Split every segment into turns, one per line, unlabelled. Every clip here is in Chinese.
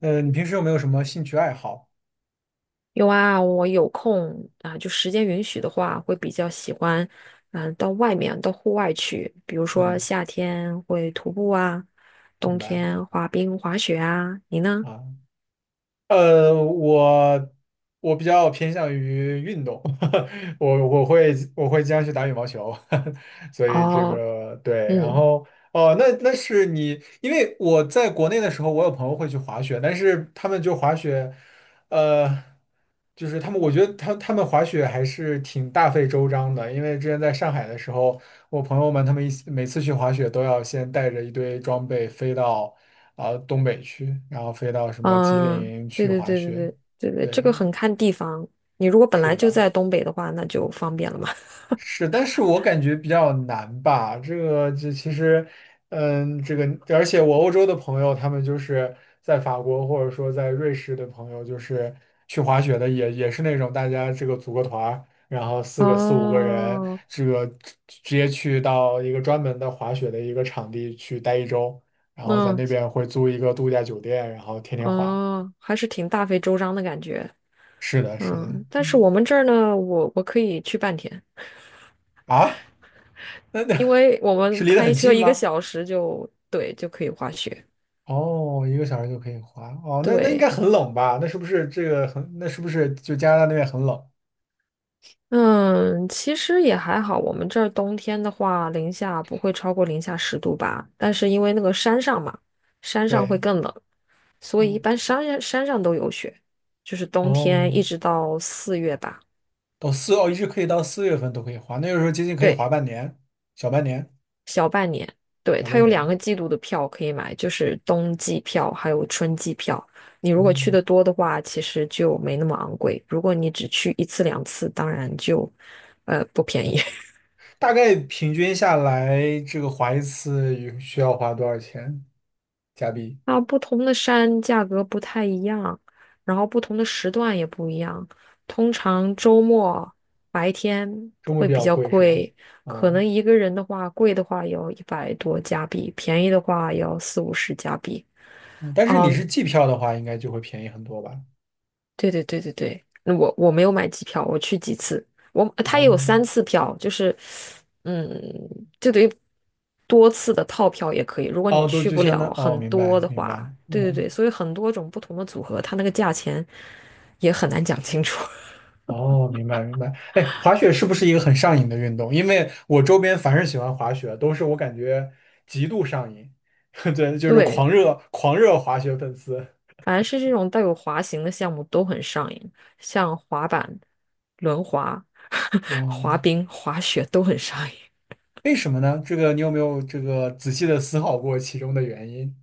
你平时有没有什么兴趣爱好？
有啊，我有空啊，就时间允许的话，会比较喜欢，到外面，到户外去，比如说
嗯，
夏天会徒步啊，
明
冬
白
天滑冰、滑雪啊。你呢？
啊。呃，我我比较偏向于运动，我会经常去打羽毛球，所以这
哦，
个对。然
嗯
后哦，那是你，因为我在国内的时候，我有朋友会去滑雪，但是他们就滑雪，呃，就是他们，我觉得他们滑雪还是挺大费周章的，因为之前在上海的时候。我朋友们他们一起每次去滑雪都要先带着一堆装备飞到啊、东北去，然后飞到什么吉
嗯，
林
对
去
对
滑
对对
雪。
对对对，这
对，
个很看地方。你如果本
是
来
的
就
吧？
在东北的话，那就方便了嘛。
是，但是我感觉比较难吧。这个，这其实，嗯，这个，而且我欧洲的朋友，他们就是在法国或者说在瑞士的朋友，就是去滑雪的也，也是那种大家这个组个团儿然后 四五个人，
哦，
这个直接去到一个专门的滑雪的一个场地去待一周，然后在
那
那边会租一个度假酒店，然后天天滑。
哦，还是挺大费周章的感觉。
是的，是的，
嗯，但是
嗯，
我们这儿呢，我可以去半天。
啊，那
因 为我
是
们
离得
开
很
车
近
一个
吗？
小时就，对，就可以滑雪。
哦，一个小时就可以滑。哦，那应该
对，
很冷吧？那是不是就加拿大那边很冷？
嗯，其实也还好。我们这儿冬天的话，零下不会超过零下10度吧？但是因为那个山上嘛，山上会
对，
更冷，所以一
嗯，
般山上都有雪，就是冬天
哦，
一直到四月吧。
到四哦，一直可以到四月份都可以滑，那个时候接近可以滑
对。
半年，小半年，
小半年。对，
小
它
半
有两
年。
个季度的票可以买，就是冬季票还有春季票。你如果去
嗯，
的多的话，其实就没那么昂贵。如果你只去一次两次，当然就不便宜。
大概平均下来，这个滑一次有需要花多少钱加币？
啊，不同的山价格不太一样，然后不同的时段也不一样。通常周末白天
中国
会
比
比
较
较
贵是吧？
贵，
啊、
可能一个人的话，贵的话也要100多加币，便宜的话也要四五十加币。
嗯，但是你
嗯。
是季票的话，应该就会便宜很多吧？
对对对对对，那我没有买机票，我去几次，我他也有
哦，
三次票，就是，嗯，就等于多次的套票也可以。如果你
哦，都
去
就
不
相当，
了
哦，
很
明
多
白
的
明
话，
白，
对对
嗯。
对，所以很多种不同的组合，它那个价钱也很难讲清楚。
哦，明白明白。哎，滑雪是不是一个很上瘾的运动？因为我周边凡是喜欢滑雪，都是我感觉极度上瘾，对，就是
对，
狂热滑雪粉丝。
反正是这种带有滑行的项目都很上瘾，像滑板、轮滑、
哦，
滑冰、滑雪都很上瘾。
为什么呢？这个你有没有这个仔细的思考过其中的原因？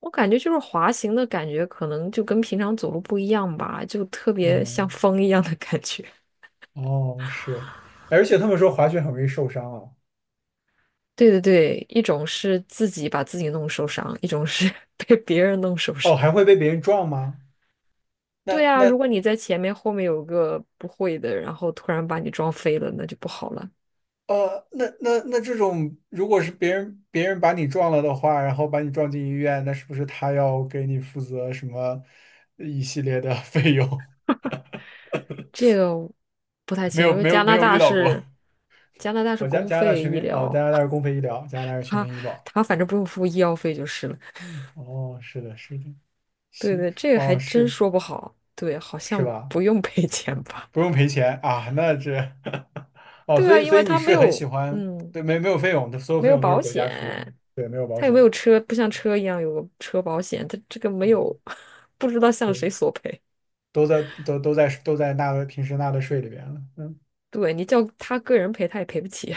我感觉就是滑行的感觉，可能就跟平常走路不一样吧，就特别像
嗯，
风一样的感觉。
哦，是，哎而且他们说滑雪很容易受伤啊。
对对对，一种是自己把自己弄受伤，一种是 被别人弄受
哦，
伤。
还会被别人撞吗？
对
那
啊，
那
如果你在前面，后面有个不会的，然后突然把你撞飞了，那就不好了。
呃，那这种，如果是别人把你撞了的话，然后把你撞进医院，那是不是他要给你负责什么呃一系列的 费用？
这个不太
没
清楚，
有
因为
没有没有遇到过。
加拿大是
哦，加
公
加拿大
费
全民
医
哦，加
疗，
拿大是公费医疗，加拿大 是全
他
民医保。
他反正不用付医药费就是了。
嗯，哦，是的，是的，
对
行，
对，这个还
哦，
真
是
说不好。对，好
是
像
吧？
不用赔钱吧。
不用赔钱啊，那这 哦，
对
所
啊，
以
因
所
为
以你
他没
是很喜
有，
欢，
嗯，
对，没有费用的，所有
没
费
有
用都是
保
国家
险，
出，对，没有保
他也没
险。
有车，不像车一样有个车保险，他这个没
嗯。
有，不知道向
对。
谁索赔。
都在纳的平时纳的税里边了，嗯
对你叫他个人赔，他也赔不起。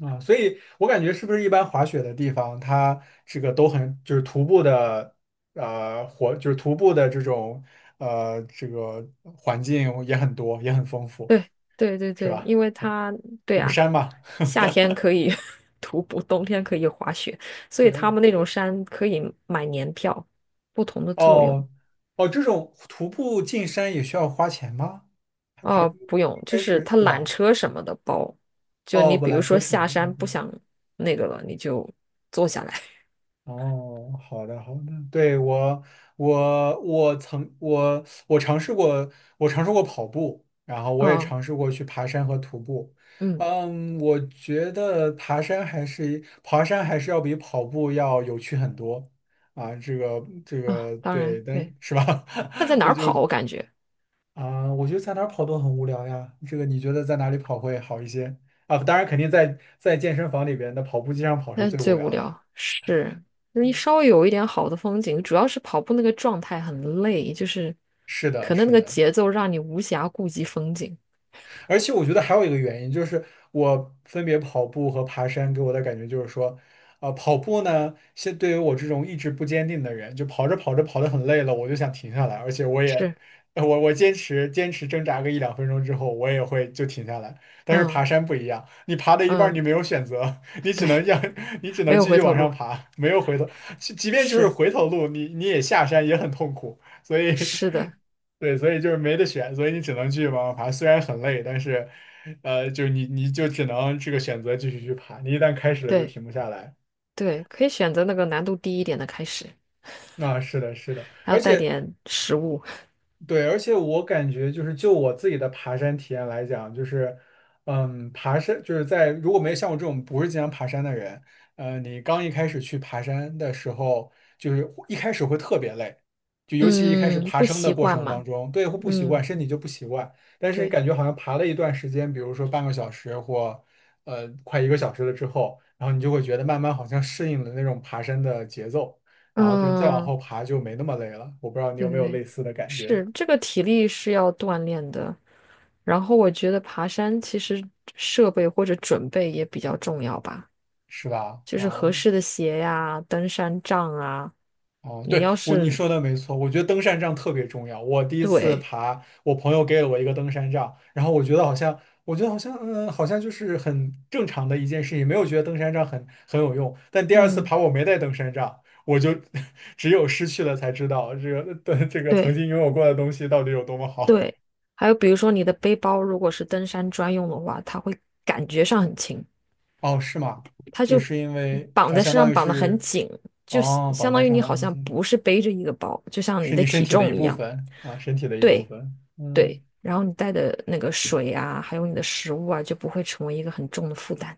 啊，所以我感觉是不是一般滑雪的地方，它这个都很就是徒步的就是徒步的这种呃这个环境也很多也很丰 富，
对对对
是
对，
吧？
因为他对
有
啊，
山嘛，
夏天可以 徒步，冬天可以滑雪，所以他
对，
们那种山可以买年票，不同的作用。
哦哦，这种徒步进山也需要花钱吗？还
哦，不用，
应
就
该
是
是
他
对
缆
吧？
车什么的包，就
哦，
你
不，
比
缆
如
车
说
是没
下
有，
山
哦
不
嗯
想那个了，你就坐下来。
哦，好的好的，对我尝试过，我尝试过跑步，然后我也
啊，
尝试过去爬山和徒步。
嗯
嗯，我觉得爬山还是要比跑步要有趣很多啊，这个这
啊，
个
当
对，
然
但
对，
是吧，
那在 哪
我
儿
就
跑，我感觉
啊，我觉得在哪儿跑都很无聊呀。这个你觉得在哪里跑会好一些啊？当然，肯定在健身房里边的跑步机上跑是
那
最无
最无
聊的。
聊是你稍微有一点好的风景，主要是跑步那个状态很累，就是
是的，
可能那
是
个
的。
节奏让你无暇顾及风景。
而且我觉得还有一个原因，就是我分别跑步和爬山给我的感觉就是说，啊、跑步呢，现对于我这种意志不坚定的人，就跑着跑着跑得很累了，我就想停下来，而且我也，
是，
呃我坚持挣扎个一两分钟之后，我也会就停下来。但是
嗯
爬山不一样，你爬到一半儿
嗯，
你没有选择，你只
对，
能让 你只
没
能
有
继
回
续
头
往上
路。
爬，没有回头，即便就是
是，
回头路，你也下山也很痛苦，所以
是的，
对，所以就是没得选，所以你只能继续往上爬。虽然很累，但是，呃，就你就只能这个选择继续去爬。你一旦开始了，就
对
停不下来。
对，可以选择那个难度低一点的开始，
啊，是的，是的，
还
而
要带
且
点食物。
对，而且我感觉就是就我自己的爬山体验来讲，就是，嗯，爬山就是在如果没有像我这种不是经常爬山的人，呃，你刚一开始去爬山的时候，就是一开始会特别累，就尤其一开始
嗯，
爬
不
升的
习
过
惯
程当
嘛。
中，对，会不习惯，
嗯，
身体就不习惯，但是你
对，
感觉好像爬了一段时间，比如说半个小时或呃快一个小时了之后，然后你就会觉得慢慢好像适应了那种爬山的节奏，然后就再往
嗯。
后爬就没那么累了。我不知道你
对
有没
对
有
对，
类似的感觉。
是这个体力是要锻炼的，然后我觉得爬山其实设备或者准备也比较重要吧，
是吧？
就是合
啊、
适的鞋呀、登山杖啊。
哦、
你
对，
要
我你
是
说的没错，我觉得登山杖特别重要。我第一次
对，
爬，我朋友给了我一个登山杖，然后我觉得好像，好像就是很正常的一件事情，没有觉得登山杖很有用。但第二次
嗯，
爬，我没带登山杖，我就 只有失去了才知道这个的这个曾
对
经拥有过的东西到底有多么好。
对，还有比如说你的背包如果是登山专用的话，它会感觉上很轻，
哦，是吗？
它
就
就
是因为
绑
它
在
相
身
当
上
于
绑得很
是，
紧，就相
哦，绑
相
带
当于
上
你
绑
好
上
像
去，
不是背着一个包，就像你
是
的
你身
体
体的一
重一
部
样。
分啊，身体的一部
对。
分。嗯。
对，然后你带的那个水啊，还有你的食物啊，就不会成为一个很重的负担。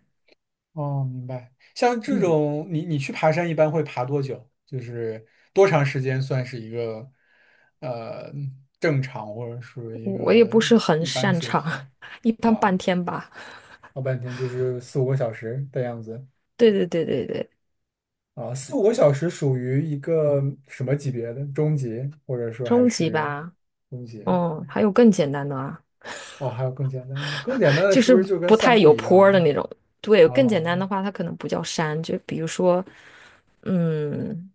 哦，明白。像这
嗯，
种，你去爬山一般会爬多久？就是多长时间算是一个呃正常或者属于
我
一
我也
个
不是很
一般
擅
水
长，
平
一般
啊？
半天吧。
老半天就是四五个小时的样子
对对对对对，
啊，四五个小时属于一个什么级别的？中级，或者说还
中级
是
吧。
中级？
嗯，还有更简单的啊，
哦，还有更简单的，更简单的
就
是
是
不是就跟
不
散
太
步
有
一样
坡儿的
了？
那种。对，更简
哦
单的话，它可能不叫山，就比如说，嗯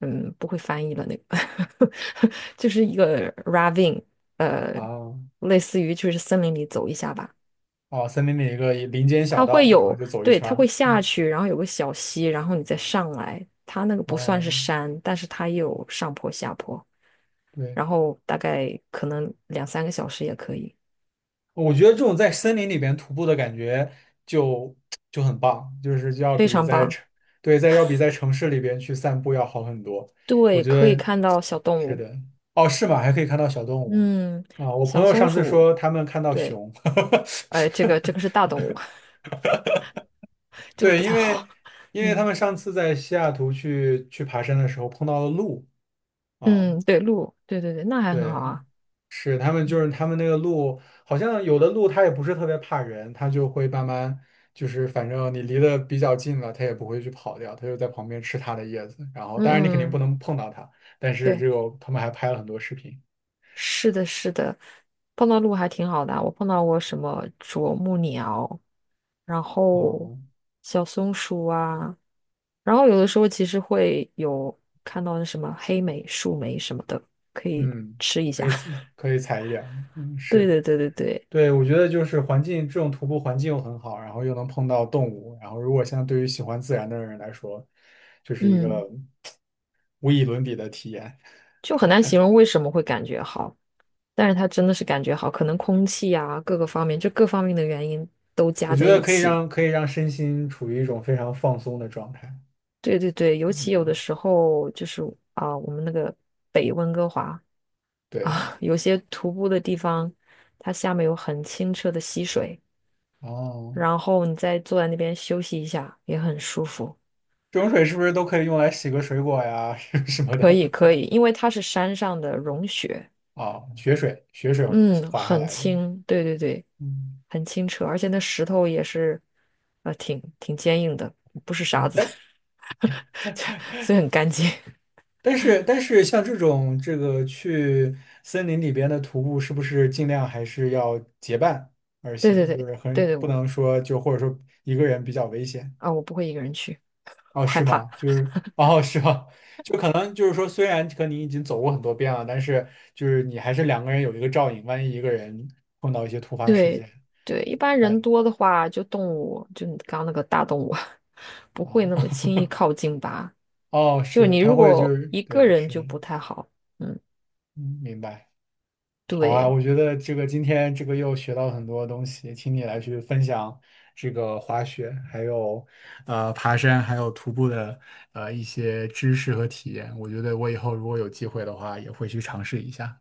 嗯，不会翻译了那个，就是一个 ravine，呃，
哦
类似于就是森林里走一下吧。
哦，森林里一个林间小
它会
道，然后
有，
就走一
对，
圈
它会
儿。
下去，然后有个小溪，然后你再上来。它那个不算
哦，
是山，但是它也有上坡下坡，
对，
然后大概可能两三个小时也可以，
我觉得这种在森林里边徒步的感觉就就很棒，就是要
非
比
常
在
棒。
城，对，在要比在城市里边去散步要好很多。我
对，
觉
可以
得
看到小动
是
物，
的。哦，是吗？还可以看到小动物
嗯，
啊！我朋
小
友
松
上次
鼠，
说他们看到
对，
熊，
这个是 大动物，这个
对，
不
因
太好。
为因为他
嗯
们上次在西雅图去爬山的时候碰到了鹿啊，
嗯，对，鹿，对对对，那还很好
对，
啊。
是，他们就
嗯
是他们那个鹿，好像有的鹿它也不是特别怕人，它就会慢慢就是，反正你离得比较近了，它也不会去跑掉，它就在旁边吃它的叶子。然后，当然你肯定
嗯，
不
嗯，
能碰到它，但是这
对。
个他们还拍了很多视频。
是的，是的，碰到鹿还挺好的啊我碰到过什么啄木鸟，然后
哦，
小松鼠啊，然后有的时候其实会有看到那什么黑莓、树莓什么的，可以
嗯，
吃一
可
下。
以 可以踩一点儿，嗯，
对
是。
对对对对，
对，我觉得就是环境，这种徒步环境又很好，然后又能碰到动物，然后如果像对于喜欢自然的人来说，就是一
嗯，
个无以伦比的体验。
就很难形容为什么会感觉好，但是它真的是感觉好，可能空气啊，各个方面，就各方面的原因都
我
加
觉
在
得
一
可以
起。
让可以让身心处于一种非常放松的状态。
对对对，尤其有的
嗯，
时候就是我们那个北温哥华
对，
有些徒步的地方，它下面有很清澈的溪水，
哦，
然后你再坐在那边休息一下，也很舒服。
这种水是不是都可以用来洗个水果呀 什么
可
的？
以可以，因为它是山上的融雪，
啊、雪水，雪水
嗯，
滑下
很
来的。
清，对对对，
嗯，
很清澈，而且那石头也是，挺坚硬的，不是沙
对，
子，
但
所以很干净。
但是像这种这个去森林里边的徒步，是不是尽量还是要结伴而
对对
行？就
对
是很
对
不
对，
能说就或者说一个人比较危险。
我不会一个人去，
哦，
我害
是
怕。
吗？就是，哦，是吗？就可能就是说，虽然和你已经走过很多遍了，但是就是你还是两个人有一个照应，万一一个人碰到一些突发事
对
件，
对，一般
万
人
一
多的话，就动物，就你刚刚那个大动物，不会
啊，
那么 轻易靠近吧？
哦，
就
是
是
的，
你
他
如
会就
果
是，
一个
对，
人
是的，
就不太好，嗯，
嗯，明白。好啊，
对。
我觉得这个今天这个又学到很多东西，请你来去分享这个滑雪，还有呃爬山，还有徒步的呃一些知识和体验。我觉得我以后如果有机会的话，也会去尝试一下。